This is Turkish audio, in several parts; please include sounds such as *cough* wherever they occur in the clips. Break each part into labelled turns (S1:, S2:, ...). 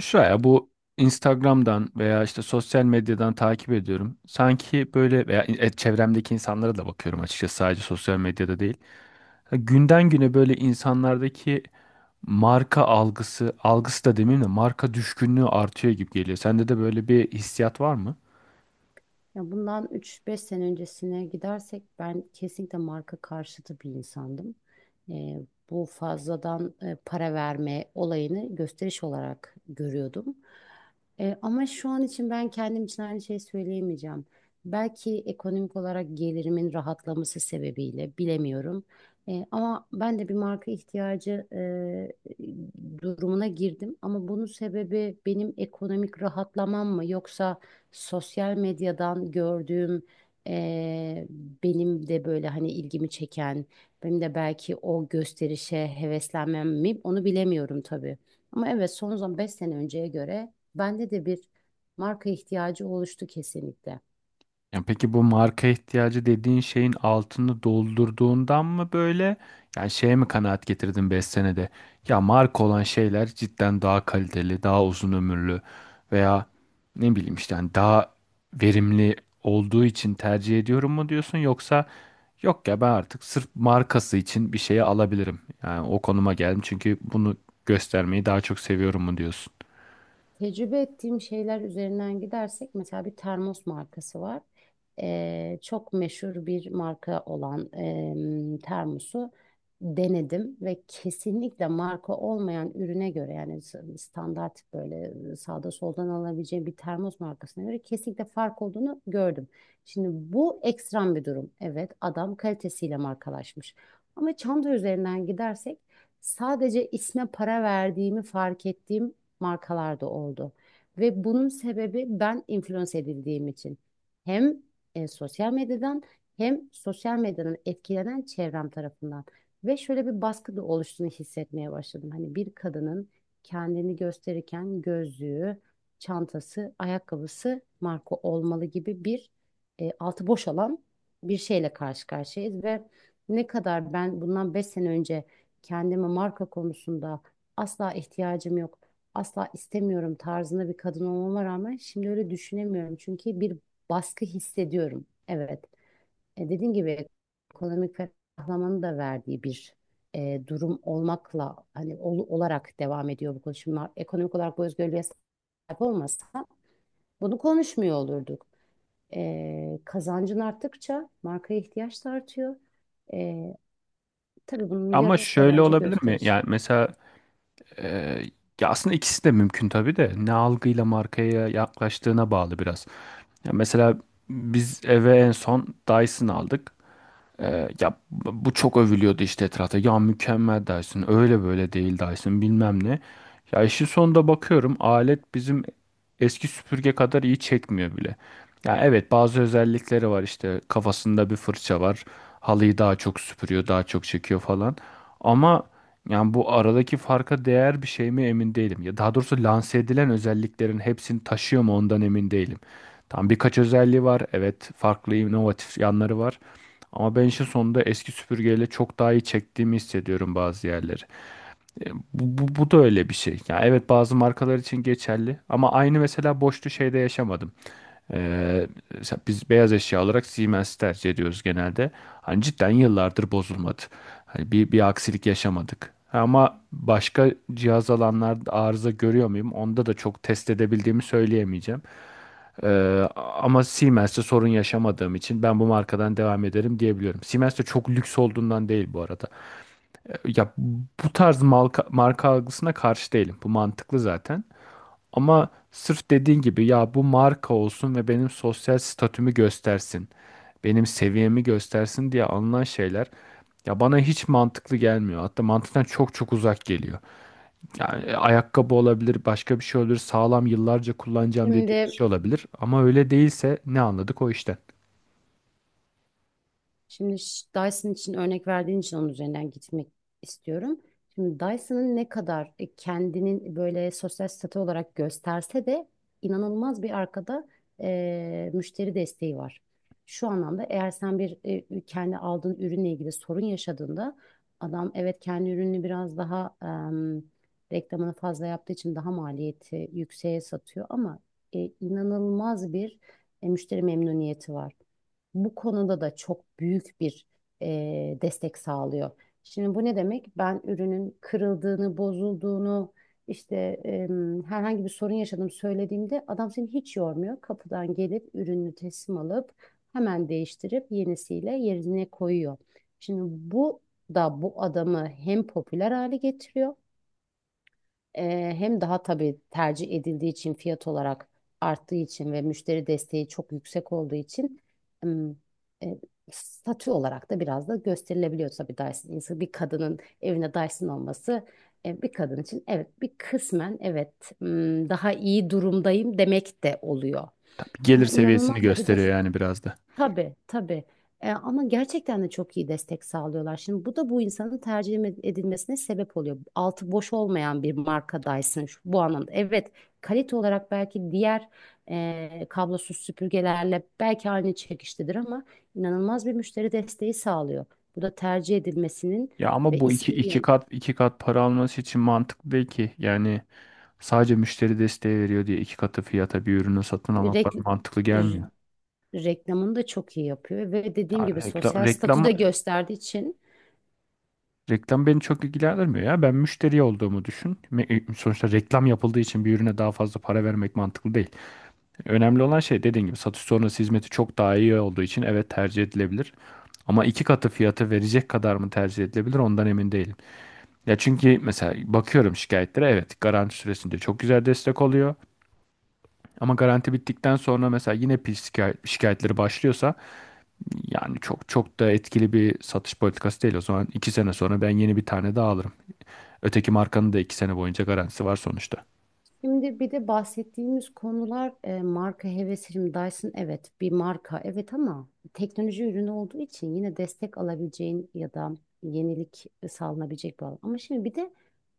S1: Şuraya bu Instagram'dan veya işte sosyal medyadan takip ediyorum. Sanki böyle veya çevremdeki insanlara da bakıyorum, açıkçası sadece sosyal medyada değil. Ya günden güne böyle insanlardaki marka algısı, algısı da demeyeyim de, marka düşkünlüğü artıyor gibi geliyor. Sende de böyle bir hissiyat var mı?
S2: Ya bundan 3-5 sene öncesine gidersek ben kesinlikle marka karşıtı bir insandım. Ee, Bu fazladan para verme olayını gösteriş olarak görüyordum. Ama şu an için ben kendim için aynı şeyi söyleyemeyeceğim. Belki ekonomik olarak gelirimin rahatlaması sebebiyle bilemiyorum. Ama ben de bir marka ihtiyacı durumuna girdim. Ama bunun sebebi benim ekonomik rahatlamam mı, yoksa sosyal medyadan gördüğüm eee, benim de böyle hani ilgimi çeken, benim de belki o gösterişe heveslenmem mi, onu bilemiyorum tabii. Ama evet, son zaman 5 sene önceye göre bende de bir marka ihtiyacı oluştu kesinlikle.
S1: Yani peki bu marka ihtiyacı dediğin şeyin altını doldurduğundan mı, böyle yani şeye mi kanaat getirdin 5 senede? Ya marka olan şeyler cidden daha kaliteli, daha uzun ömürlü veya ne bileyim işte hani daha verimli olduğu için tercih ediyorum mu diyorsun, yoksa yok ya ben artık sırf markası için bir şeyi alabilirim. Yani o konuma geldim çünkü bunu göstermeyi daha çok seviyorum mu diyorsun?
S2: Tecrübe ettiğim şeyler üzerinden gidersek, mesela bir termos markası var. Çok meşhur bir marka olan termosu denedim ve kesinlikle marka olmayan ürüne göre, yani standart, böyle sağda soldan alabileceğim bir termos markasına göre kesinlikle fark olduğunu gördüm. Şimdi bu ekstrem bir durum. Evet, adam kalitesiyle markalaşmış. Ama çanta üzerinden gidersek sadece isme para verdiğimi fark ettiğim markalar da oldu. Ve bunun sebebi ben influence edildiğim için. Hem sosyal medyadan, hem sosyal medyadan etkilenen çevrem tarafından. Ve şöyle bir baskı da oluştuğunu hissetmeye başladım. Hani bir kadının kendini gösterirken gözlüğü, çantası, ayakkabısı marka olmalı gibi bir altı boş, alan bir şeyle karşı karşıyayız. Ve ne kadar ben bundan 5 sene önce kendime marka konusunda asla ihtiyacım yok, asla istemiyorum tarzında bir kadın olmama rağmen, şimdi öyle düşünemiyorum. Çünkü bir baskı hissediyorum. Evet. Dediğim gibi ekonomik ferahlamanın da verdiği bir durum olmakla hani olarak devam ediyor bu konuşma. Ekonomik olarak bu özgürlüğe sahip olmasa bunu konuşmuyor olurduk. Kazancın arttıkça markaya ihtiyaç da artıyor. E, tabii bunun
S1: Ama
S2: yarısı da
S1: şöyle
S2: bence
S1: olabilir mi?
S2: gösteriş.
S1: Yani mesela Ee, ya aslında ikisi de mümkün tabii de, ne algıyla markaya yaklaştığına bağlı biraz. Ya mesela biz eve en son Dyson aldık. Ya bu çok övülüyordu işte etrafta. Ya mükemmel Dyson, öyle böyle değil Dyson bilmem ne. Ya işin sonunda bakıyorum alet bizim eski süpürge kadar iyi çekmiyor bile. Ya evet bazı özellikleri var, işte kafasında bir fırça var. Halıyı daha çok süpürüyor, daha çok çekiyor falan. Ama yani bu aradaki farka değer bir şey mi emin değilim. Ya daha doğrusu lanse edilen özelliklerin hepsini taşıyor mu ondan emin değilim. Tam birkaç özelliği var. Evet, farklı inovatif yanları var. Ama ben işin sonunda eski süpürgeyle çok daha iyi çektiğimi hissediyorum bazı yerleri. Bu da öyle bir şey. Ya evet bazı markalar için geçerli, ama aynı mesela boşlu şeyde yaşamadım. E, Mesela biz beyaz eşya olarak Siemens tercih ediyoruz genelde. Hani cidden yıllardır bozulmadı. Hani bir aksilik yaşamadık. Ama başka cihaz alanlarda arıza görüyor muyum? Onda da çok test edebildiğimi söyleyemeyeceğim. Ama Siemens'te sorun yaşamadığım için ben bu markadan devam ederim diyebiliyorum. Siemens de çok lüks olduğundan değil bu arada. Ya bu tarz marka algısına karşı değilim. Bu mantıklı zaten. Ama sırf dediğin gibi ya bu marka olsun ve benim sosyal statümü göstersin. Benim seviyemi göstersin diye alınan şeyler ya bana hiç mantıklı gelmiyor. Hatta mantıktan çok çok uzak geliyor. Yani ayakkabı olabilir, başka bir şey olur, sağlam yıllarca kullanacağım dediği bir
S2: Şimdi
S1: şey olabilir. Ama öyle değilse ne anladık o işten?
S2: Şimdi Dyson için örnek verdiğin için onun üzerinden gitmek istiyorum. Şimdi Dyson'ın ne kadar kendinin böyle sosyal statü olarak gösterse de, inanılmaz bir arkada müşteri desteği var. Şu anlamda, eğer sen bir kendi aldığın ürünle ilgili sorun yaşadığında, adam evet kendi ürününü biraz daha reklamını fazla yaptığı için daha maliyeti yükseğe satıyor, ama inanılmaz bir müşteri memnuniyeti var, bu konuda da çok büyük bir destek sağlıyor. Şimdi bu ne demek? Ben ürünün kırıldığını, bozulduğunu, işte e, herhangi bir sorun yaşadım söylediğimde adam seni hiç yormuyor. Kapıdan gelip ürünü teslim alıp hemen değiştirip yenisiyle yerine koyuyor. Şimdi bu da bu adamı hem popüler hale getiriyor, hem daha tabii tercih edildiği için, fiyat olarak arttığı için ve müşteri desteği çok yüksek olduğu için ım, e, statü olarak da biraz da gösterilebiliyor tabii Dyson. İnsan, bir kadının evine Dyson olması bir kadın için, evet, bir kısmen evet daha iyi durumdayım demek de oluyor.
S1: Gelir
S2: Ama
S1: seviyesini
S2: inanılmaz da bir de.
S1: gösteriyor yani biraz da.
S2: Tabii, tabii. Ama gerçekten de çok iyi destek sağlıyorlar. Şimdi bu da bu insanın tercih edilmesine sebep oluyor. Altı boş olmayan bir markadaysın şu, bu anlamda. Evet, kalite olarak belki diğer kablosuz süpürgelerle belki aynı çekiştedir, ama inanılmaz bir müşteri desteği sağlıyor. Bu da tercih edilmesinin
S1: Ya ama
S2: ve
S1: bu
S2: ismin
S1: iki kat iki kat para alması için mantıklı değil ki. Yani sadece müşteri desteği veriyor diye iki katı fiyata bir ürünü satın almak bana
S2: rek-
S1: mantıklı
S2: r-
S1: gelmiyor.
S2: reklamını da çok iyi yapıyor ve
S1: Ya
S2: dediğim gibi sosyal statü de gösterdiği için.
S1: reklam beni çok ilgilendirmiyor ya. Ben müşteri olduğumu düşün. Sonuçta reklam yapıldığı için bir ürüne daha fazla para vermek mantıklı değil. Önemli olan şey dediğim gibi, satış sonrası hizmeti çok daha iyi olduğu için evet tercih edilebilir. Ama iki katı fiyatı verecek kadar mı tercih edilebilir ondan emin değilim. Ya çünkü mesela bakıyorum şikayetlere, evet garanti süresince çok güzel destek oluyor. Ama garanti bittikten sonra mesela yine pil şikayetleri başlıyorsa, yani çok çok da etkili bir satış politikası değil. O zaman 2 sene sonra ben yeni bir tane daha alırım. Öteki markanın da 2 sene boyunca garantisi var sonuçta.
S2: Şimdi bir de bahsettiğimiz konular marka hevesi. Şimdi Dyson evet bir marka evet, ama teknoloji ürünü olduğu için yine destek alabileceğin ya da yenilik sağlanabilecek bir alan. Ama şimdi bir de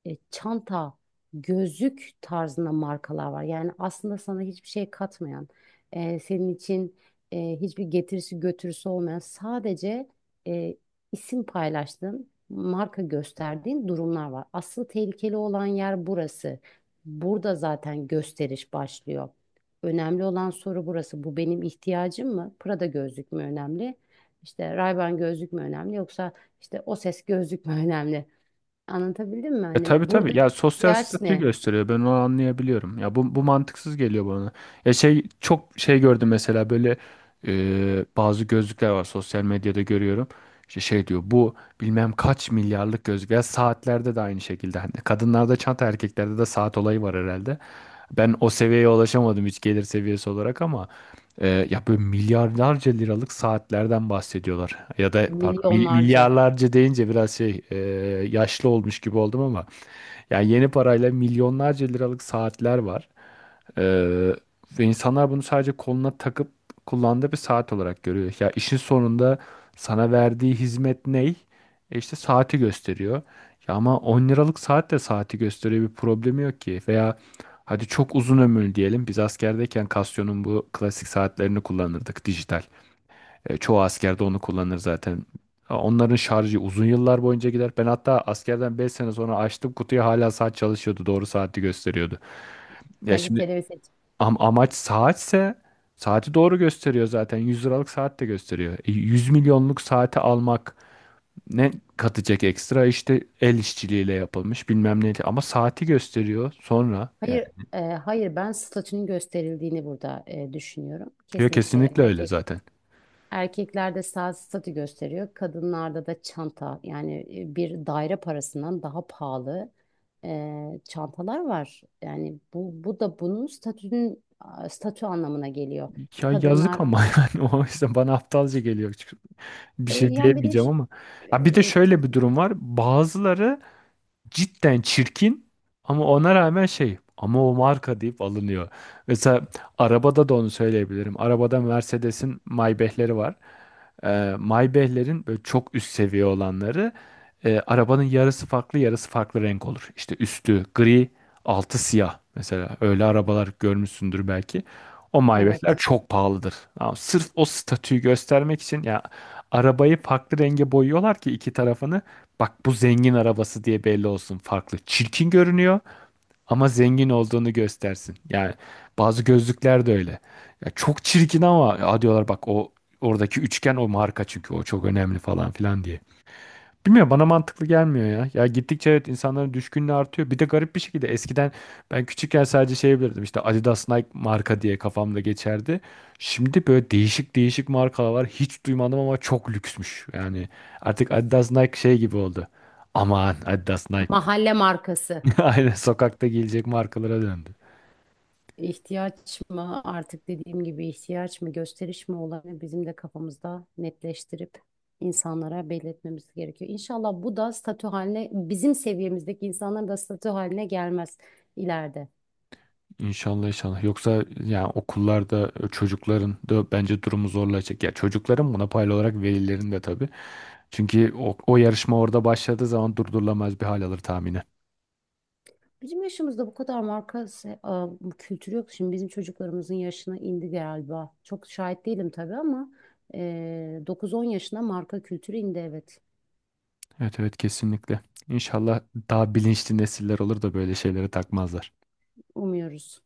S2: çanta, gözlük tarzında markalar var. Yani aslında sana hiçbir şey katmayan, senin için hiçbir getirisi götürüsü olmayan, sadece e, isim paylaştığın, marka gösterdiğin durumlar var. Asıl tehlikeli olan yer burası. Burada zaten gösteriş başlıyor. Önemli olan soru burası. Bu benim ihtiyacım mı? Prada gözlük mü önemli? İşte Ray-Ban gözlük mü önemli? Yoksa işte o ses gözlük mü önemli? Anlatabildim mi?
S1: E
S2: Hani
S1: tabii, tabii.
S2: buradaki
S1: Ya sosyal
S2: ihtiyaç
S1: statü
S2: ne?
S1: gösteriyor. Ben onu anlayabiliyorum. Ya bu mantıksız geliyor bana. Ya şey, çok şey gördüm mesela böyle, bazı gözlükler var sosyal medyada görüyorum. İşte şey diyor bu, bilmem kaç milyarlık gözlük. Ya saatlerde de aynı şekilde. Hani kadınlarda çanta, erkeklerde de saat olayı var herhalde. Ben o seviyeye ulaşamadım hiç gelir seviyesi olarak, ama ya böyle milyarlarca liralık saatlerden bahsediyorlar. Ya da pardon,
S2: Milyonlarca
S1: milyarlarca deyince biraz şey, yaşlı olmuş gibi oldum, ama yani yeni parayla milyonlarca liralık saatler var. Ee, Ve insanlar bunu sadece koluna takıp kullandığı bir saat olarak görüyor. Ya işin sonunda sana verdiği hizmet ney? E işte saati gösteriyor. Ya ama 10 liralık saat de saati gösteriyor, bir problemi yok ki. Veya hadi çok uzun ömürlü diyelim. Biz askerdeyken Casio'nun bu klasik saatlerini kullanırdık, dijital. Çoğu askerde onu kullanır zaten. Ha, onların şarjı uzun yıllar boyunca gider. Ben hatta askerden 5 sene sonra açtım kutuyu, hala saat çalışıyordu. Doğru saati gösteriyordu. Ya şimdi
S2: kaliteli ve seç.
S1: amaç saatse, saati doğru gösteriyor zaten. 100 liralık saat de gösteriyor. 100 milyonluk saati almak ne katacak ekstra? İşte el işçiliğiyle yapılmış bilmem neydi. Ama saati gösteriyor sonra yani.
S2: Hayır, hayır, ben statünün gösterildiğini burada düşünüyorum.
S1: Yok,
S2: Kesinlikle
S1: kesinlikle öyle
S2: erkek.
S1: zaten.
S2: Erkeklerde saat statü gösteriyor. Kadınlarda da çanta, yani bir daire parasından daha pahalı çantalar var. Yani bu da bunun statü anlamına geliyor.
S1: Ya yazık
S2: Kadınlar.
S1: ama *laughs* yani o yüzden bana aptalca geliyor, bir şey
S2: Yani bir de
S1: diyemeyeceğim ama.
S2: e,
S1: Ya bir de şöyle bir
S2: tab-
S1: durum var. Bazıları cidden çirkin ama ona rağmen, şey, ama o marka deyip alınıyor. Mesela arabada da onu söyleyebilirim. Arabada Mercedes'in Maybach'leri var. Maybach'lerin böyle çok üst seviye olanları, arabanın yarısı farklı, yarısı farklı renk olur. İşte üstü gri, altı siyah mesela, öyle arabalar görmüşsündür belki. O Maybach'ler
S2: evet,
S1: çok pahalıdır. Ama sırf o statüyü göstermek için ya arabayı farklı renge boyuyorlar ki iki tarafını, bak bu zengin arabası diye belli olsun farklı. Çirkin görünüyor ama zengin olduğunu göstersin. Yani bazı gözlükler de öyle. Ya çok çirkin, ama ya diyorlar, bak o oradaki üçgen o marka çünkü, o çok önemli falan filan diye. Bilmiyorum, bana mantıklı gelmiyor ya. Ya gittikçe evet insanların düşkünlüğü artıyor. Bir de garip bir şekilde, eskiden ben küçükken sadece şey bilirdim, işte Adidas, Nike marka diye kafamda geçerdi. Şimdi böyle değişik değişik markalar var. Hiç duymadım ama çok lüksmüş. Yani artık Adidas, Nike şey gibi oldu. Aman Adidas, Nike.
S2: mahalle markası.
S1: *laughs* Aynen sokakta giyilecek markalara döndü.
S2: İhtiyaç mı artık, dediğim gibi ihtiyaç mı gösteriş mi olanı bizim de kafamızda netleştirip insanlara belirtmemiz gerekiyor. İnşallah bu da statü haline, bizim seviyemizdeki insanların da statü haline gelmez ileride.
S1: İnşallah, inşallah. Yoksa yani okullarda çocukların da bence durumu zorlayacak. Ya çocukların buna paylı olarak velilerin de tabii. Çünkü o yarışma orada başladığı zaman durdurulamaz bir hal alır tahminen.
S2: Bizim yaşımızda bu kadar marka bu kültürü yok. Şimdi bizim çocuklarımızın yaşına indi galiba. Çok şahit değilim tabii, ama e, 9-10 yaşına marka kültürü indi, evet.
S1: Evet evet, kesinlikle. İnşallah daha bilinçli nesiller olur da böyle şeylere takmazlar.
S2: Umuyoruz.